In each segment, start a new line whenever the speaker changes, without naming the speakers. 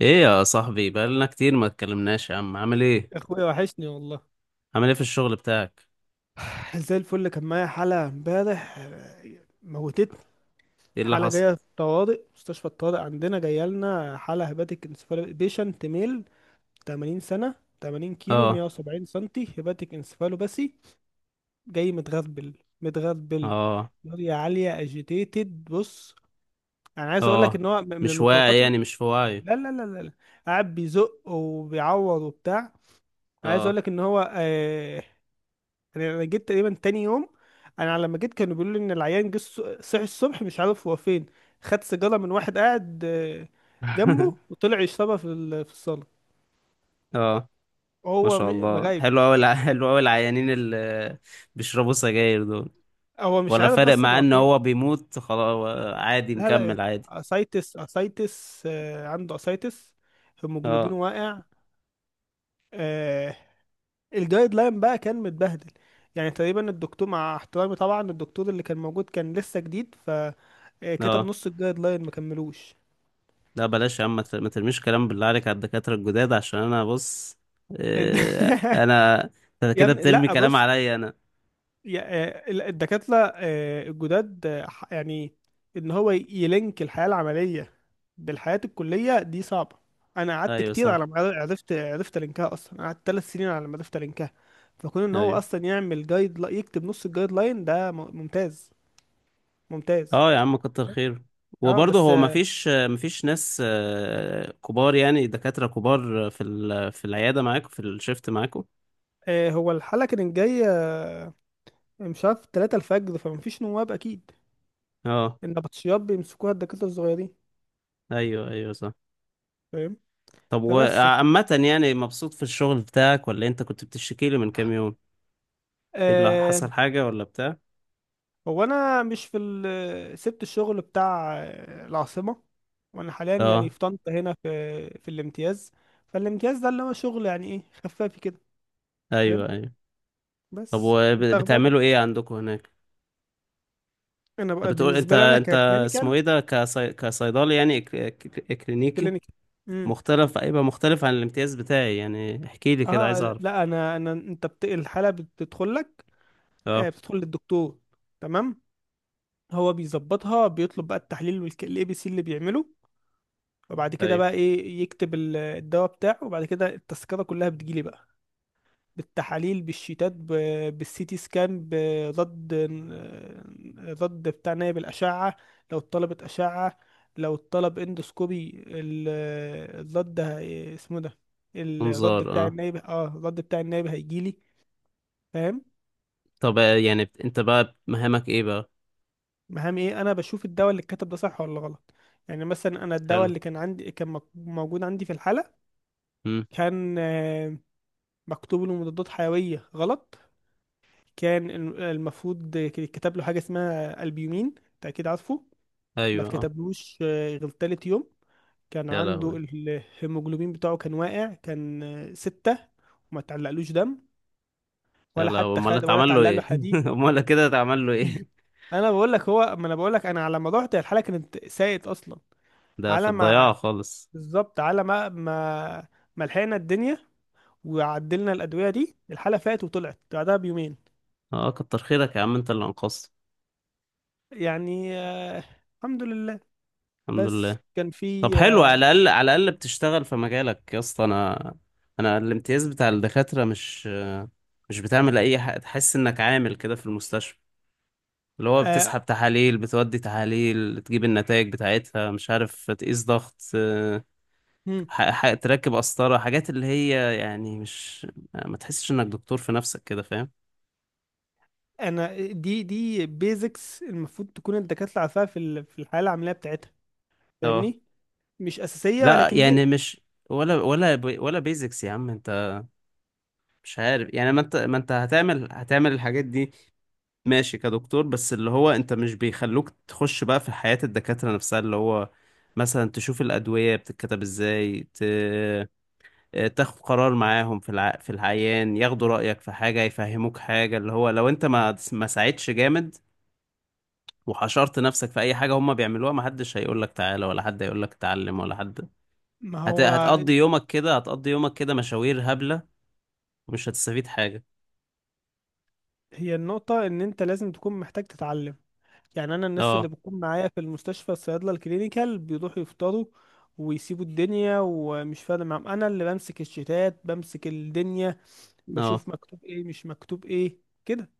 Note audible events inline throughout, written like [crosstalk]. ايه يا صاحبي، بقالنا كتير ما اتكلمناش. يا عم عامل ايه؟
يا اخويا، وحشني والله.
عامل ايه في الشغل بتاعك؟
زي الفل. كان معايا حالة امبارح موتتني.
ايه اللي
حالة
حصل؟
جاية في الطوارئ، مستشفى الطوارئ عندنا، جاية لنا حالة هيباتيك انسفالو بيشنت ميل 80 سنة، 80 كيلو،
اه،
170 سنتي، هيباتيك انسفالو باسي. جاي متغربل، متغربل.
اه،
نوريا عالية، اجيتيتد. بص، انا عايز اقول لك
اه.
ان هو من
مش واعي
المفارقات.
يعني، مش في وعي؟
لا لا لا لا لا. قاعد بيزق وبيعور وبتاع. عايز اقول
اه.
لك ان هو يعني انا جيت تقريبا تاني يوم. انا لما جيت كانوا بيقولوا لي ان العيان جه، صحي الصبح مش عارف هو فين. خد سيجاره من واحد قاعد جنبه،
[laughs]
وطلع يشربها في الصاله،
اه، ما
وهو
شاء الله،
مغايب.
حلو قوي العيانين اللي بيشربوا سجاير دول.
هو مش
ولا
عارف
فارق
اصلا
معاه
هو
ان
فين.
هو بيموت خلاص؟ عادي،
لا لا،
مكمل عادي.
اسايتس، اسايتس، عنده اسايتس. هيموجلوبينه
اه،
واقع. آه، الجايد لاين بقى كان متبهدل. يعني تقريبا الدكتور، مع احترامي طبعا، الدكتور اللي كان موجود كان لسه جديد، ف كتب
اه،
نص الجايد لاين، ما كملوش.
لا بلاش يا عم، ما ترميش كلام بالله عليك على الدكاترة الجداد عشان انا بص.
[laughs]
انا، انت
يا
كده
ابني،
بترمي
لا،
كلام
بص.
عليا انا.
الدكاترة الجداد يعني ان هو يلينك الحياة العملية بالحياة الكلية دي صعبة. انا قعدت
ايوه
كتير
صح،
على ما عرفت لينكها اصلا. أنا قعدت 3 سنين على ما عرفت لينكها. فكون ان هو
ايوه.
اصلا يعمل جايد يكتب نص الجايد لاين ده ممتاز، ممتاز.
اه يا عم، كتر خير.
اه،
وبرضه
بس
هو مفيش ناس كبار يعني، دكاترة كبار في في العيادة معاكم، في الشيفت معاكم.
هو الحلقة كانت جاية مش عارف 3 الفجر، فمفيش نواب اكيد.
اه.
النبطشيات بيمسكوها الدكاترة الصغيرين،
ايوه، ايوه، صح.
فاهم.
طب
فبس كده.
وعامة يعني مبسوط في الشغل بتاعك ولا انت كنت بتشتكي لي من كام يوم؟ ايه اللي
آه،
حصل؟ حاجة ولا بتاع؟
هو انا مش في سبت الشغل بتاع العاصمه، وانا حاليا يعني
اه.
في طنطا، هنا في الامتياز. فالامتياز ده اللي هو شغل يعني ايه، خفافي كده، فاهم.
ايوه، ايوه. طب
بس انت اخبار.
وبتعملوا ايه عندكم هناك؟
انا
طب
بقى
بتقول انت
بالنسبه لي، انا
انت اسمه
ككلينيكال،
ايه ده، كصيدلي يعني، كلينيكي.
كلينيكال امم
مختلف، هيبقى مختلف عن الامتياز بتاعي؟ يعني احكي لي كده، عايز
اه
اعرف.
لا، انا انت الحاله بتدخل لك،
اه.
بتدخل للدكتور، تمام. هو بيظبطها، بيطلب بقى التحليل والاي بي سي اللي بيعمله. وبعد كده
ايوه.
بقى ايه يكتب الدواء بتاعه. وبعد كده التذكره كلها بتجيلي بقى، بالتحاليل، بالشيتات، بالسيتي سكان، ضد بتاع نايب الأشعة. لو اتطلبت أشعة، لو اتطلب اندوسكوبي، الضد، اسمه ده
انظار،
الضد بتاع
اه.
النايب، الضد بتاع النايب هيجيلي، فاهم.
طب، يعني انت بقى مهامك ايه بقى؟
مهم ايه، انا بشوف الدواء اللي الكاتب ده صح ولا غلط. يعني مثلا، انا الدواء
حلو.
اللي كان عندي كان موجود عندي في الحالة.
امم.
كان مكتوب له مضادات حيوية غلط. كان المفروض اتكتب له حاجة اسمها البيومين، انت اكيد عارفه. ما
ايوه. اه.
اتكتبلوش غير تالت يوم. كان
يا
عنده
لهوي.
الهيموجلوبين بتاعه كان واقع، كان ستة. وما تعلقلوش دم،
يا
ولا
لهوي،
حتى
امال
خد ولا
اتعمل له
تعلق له
ايه؟
حديد.
[laughs] امال كده اتعمل له ايه؟
انا بقول لك هو، ما انا بقول لك، انا على ما رحت الحاله كانت ساقط اصلا.
ده في
على ما،
الضياع خالص.
بالظبط، على ما ما لحقنا الدنيا وعدلنا الادويه دي، الحاله فاتت وطلعت بعدها بيومين.
اه، كتر خيرك يا عم، انت اللي انقذت.
يعني، الحمد لله.
الحمد لله.
بس كان في
طب
آه،
حلو، على الاقل بتشتغل في مجالك يا اسطى. انا الامتياز بتاع الدكاترة مش بتعمل اي حاجة تحس انك عامل كده في المستشفى، اللي هو
آه
بتسحب تحاليل، بتودي تحاليل، تجيب النتائج بتاعتها، مش عارف، تقيس ضغط،
مم.
تركب قسطرة، حاجات اللي هي يعني مش، ما تحسش انك دكتور في نفسك كده، فاهم؟
انا دي بيزكس المفروض تكون الدكاتره عارفاها في الحياه العمليه بتاعتها،
اه.
فاهمني. مش اساسيه
لا
ولكن
يعني
بيزك.
مش، ولا بيزكس يا عم انت. مش عارف يعني، ما انت هتعمل الحاجات دي ماشي كدكتور، بس اللي هو انت مش بيخلوك تخش بقى في حياة الدكاترة نفسها، اللي هو مثلا تشوف الأدوية بتتكتب ازاي، تاخد قرار معاهم في في العيان، ياخدوا رأيك في حاجة، يفهموك حاجة، اللي هو لو انت ما ساعدتش جامد، وحشرت نفسك في اي حاجه هم بيعملوها، محدش هيقول لك تعالى، ولا حد هيقول لك اتعلم، ولا حد.
ما
هت...
هو،
هتقضي يومك كده، مشاوير هبله، ومش هتستفيد حاجه.
هي النقطه ان انت لازم تكون محتاج تتعلم. يعني انا الناس اللي
اه.
بتكون معايا في المستشفى، الصيادله الكلينيكال، بيروحوا يفطروا ويسيبوا الدنيا، ومش فارق معاهم. انا اللي بمسك الشتات، بمسك الدنيا،
اه،
بشوف مكتوب ايه مش مكتوب ايه، كده،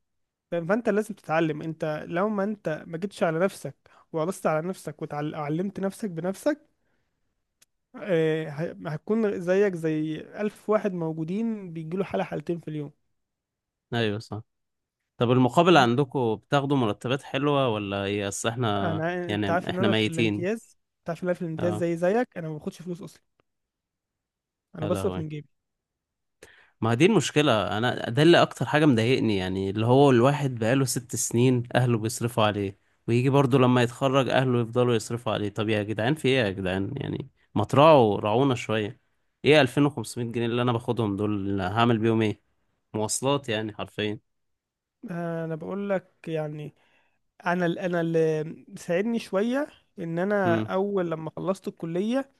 فاهم؟ فانت لازم تتعلم. انت لو ما انت ما جيتش على نفسك وقرصت على نفسك وعلمت نفسك بنفسك، هتكون زيك زي ألف واحد موجودين بيجيله حالة، حالتين في اليوم.
ايوه صح. طب المقابل عندكم بتاخدوا مرتبات حلوه ولا ايه؟ اصل احنا
انت
يعني
عارف ان
احنا
انا في
ميتين.
الامتياز، انت عارف ان انا في الامتياز،
اه.
زي زيك، انا ما باخدش فلوس اصلا. انا
يا
بصرف
لهوي.
من جيبي.
ما دي المشكلة، أنا ده اللي أكتر حاجة مضايقني، يعني اللي هو الواحد بقاله 6 سنين أهله بيصرفوا عليه، ويجي برضه لما يتخرج أهله يفضلوا يصرفوا عليه. طب يا جدعان في إيه يا جدعان يعني؟ ما تراعوا، راعونا شوية. إيه 2500 جنيه اللي أنا باخدهم دول؟ اللي هعمل بيهم إيه؟ مواصلات يعني، حرفيا.
انا بقول لك يعني، انا اللي ساعدني شويه ان انا
امم.
اول لما خلصت الكليه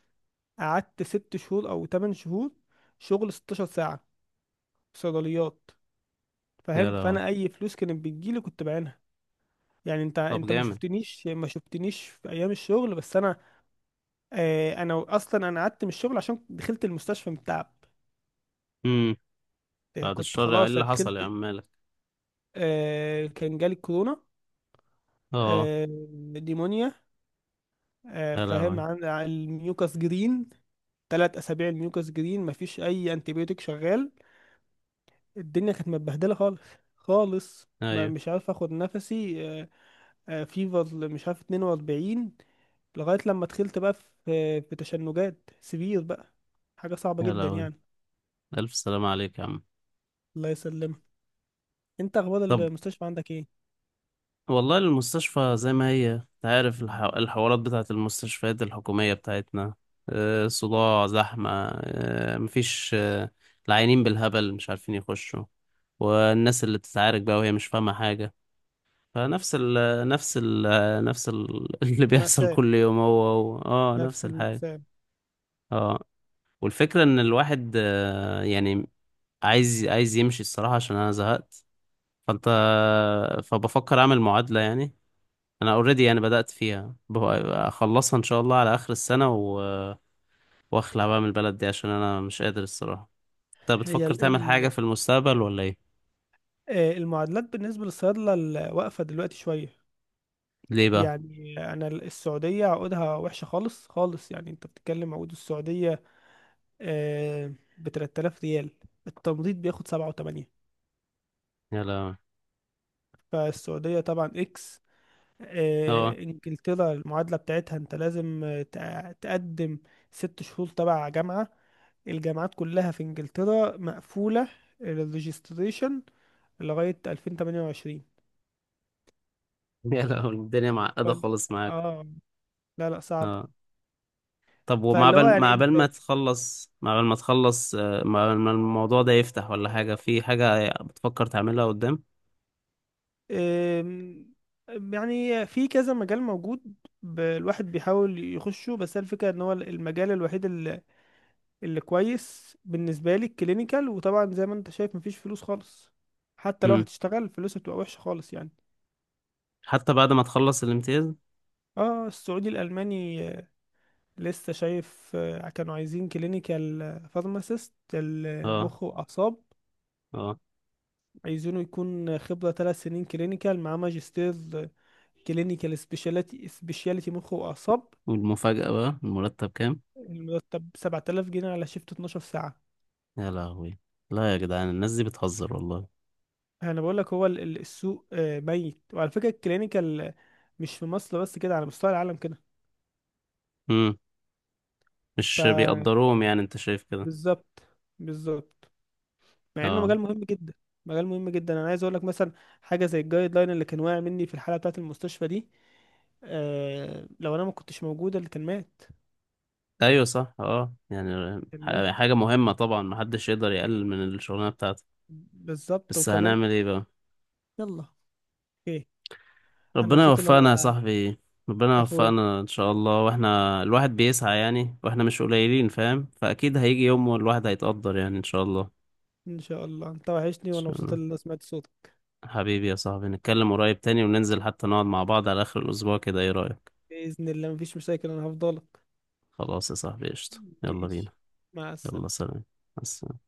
قعدت 6 شهور او 8 شهور، شغل 16 ساعه في صيدليات،
يا
فاهم.
لهوي.
فانا اي فلوس كانت بتجيلي كنت بعينها. يعني انت
طب
انت ما
جامد.
شفتنيش، ما شفتنيش في ايام الشغل. بس انا انا اصلا انا قعدت من الشغل عشان دخلت المستشفى من التعب.
امم.
يعني
بعد
كنت
الشر، إيه
خلاص
اللي حصل يا
دخلت.
عم مالك؟
كان جالي كورونا،
أه.
آه نيمونيا،
يا
فاهم،
لهوي.
عن الميوكاس جرين. 3 اسابيع الميوكاس جرين، مفيش اي انتيبيوتيك شغال. الدنيا كانت متبهدله خالص، خالص. ما
أيوه.
مش عارف اخد نفسي. فيفر مش عارف 42. لغاية لما دخلت بقى، في تشنجات سرير بقى، حاجة صعبة
يا
جدا
لهوي.
يعني.
ألف سلامة عليك يا عم.
الله يسلمك. انت اخبار
طب
المستشفى عندك ايه؟
والله المستشفى زي ما هي، انت عارف الحوارات بتاعت المستشفيات الحكومية بتاعتنا. صداع، زحمة. مفيش. العيانين بالهبل مش عارفين يخشوا، والناس اللي بتتعارك بقى وهي مش فاهمة حاجة. فنفس ال نفس ال نفس ال [laughs] اللي بيحصل
مأساة،
كل يوم هو اه،
نفس
نفس الحاجة.
المأساة.
اه. والفكرة ان الواحد يعني عايز يمشي الصراحة عشان انا زهقت. فانت فبفكر اعمل معادلة يعني. انا اوريدي، انا بدأت فيها اخلصها ان شاء الله على اخر السنة واخلع بقى من البلد دي عشان انا مش قادر الصراحة. انت
هي
بتفكر
ال
تعمل حاجة
ال
في المستقبل ولا ايه؟
آه، المعادلات بالنسبة للصيادلة واقفة دلوقتي شوية.
ليه بقى؟
يعني انا السعودية عقودها وحشة خالص، خالص. يعني انت بتتكلم عقود السعودية ب 3000 ريال، التمريض بياخد 7 و8.
يلا.
فالسعودية طبعا اكس.
اه.
انجلترا، المعادلة بتاعتها انت لازم تقدم ست شهور تبع جامعة. الجامعات كلها في انجلترا مقفولة للريجستريشن لغاية 2028.
[laughs] يلا الدنيا
ف...
معقدة خالص معاك.
اه، لا لا، صعب.
اه. طب، ومع
فاللي هو
بال
يعني
مع بال
انت،
ما تخلص، مع بال ما الموضوع ده يفتح ولا حاجة، في حاجة بتفكر تعملها قدام؟
آم، يعني في كذا مجال موجود. الواحد بيحاول يخشه، بس هي الفكرة ان هو المجال الوحيد اللي كويس بالنسبة لي الكلينيكال. وطبعا زي ما انت شايف، مفيش فلوس خالص. حتى لو
امم.
هتشتغل فلوسها بتبقى وحشة خالص، يعني.
حتى بعد ما تخلص الامتياز؟
اه، السعودي الألماني لسه شايف كانوا عايزين كلينيكال فارماسيست
اه.
المخ وأعصاب.
اه.
عايزينه يكون خبرة 3 سنين كلينيكال مع ماجستير كلينيكال سبيشاليتي، سبيشاليتي مخ وأعصاب.
والمفاجأة بقى المرتب كام؟
المرتب 7000 جنيه على شيفت 12 ساعة.
يا لهوي. لا يا جدعان، الناس دي بتهزر والله.
انا بقول لك، هو السوق ميت. وعلى فكره، الكلينيكال مش في مصر بس كده، على مستوى العالم كده.
امم.
ف
مش بيقدروهم يعني، انت شايف كده؟
بالظبط، بالظبط. مع انه
اه.
مجال مهم جدا، مجال مهم جدا. انا عايز اقول لك مثلا، حاجه زي الجايد لاين اللي كان واقع مني في الحاله بتاعه المستشفى دي، لو انا ما كنتش موجوده اللي كان مات،
ايوه صح. اه، يعني
كان مات.
حاجة مهمة طبعا، محدش يقدر يقلل من الشغلانة بتاعته.
بالظبط،
بس
وكمان.
هنعمل ايه بقى؟
يلا، اوكي. انا
ربنا
مبسوط ان
يوفقنا يا
انا،
صاحبي. ربنا
اخوي،
يوفقنا ان شاء الله، واحنا الواحد بيسعى يعني، واحنا مش قليلين فاهم، فاكيد هيجي يوم والواحد هيتقدر يعني، ان شاء الله. إن
ان شاء الله، انت وحشني، وانا
شاء
مبسوط ان
الله.
انا سمعت صوتك.
حبيبي يا صاحبي، نتكلم قريب تاني، وننزل حتى نقعد مع بعض على اخر الاسبوع كده، ايه رأيك؟
باذن الله، مفيش مشاكل، انا هفضلك.
خلاص يا صاحبي قشطة. يلا بينا.
ماشي، مع
يلا،
السلامه.
سلام. مع السلامة.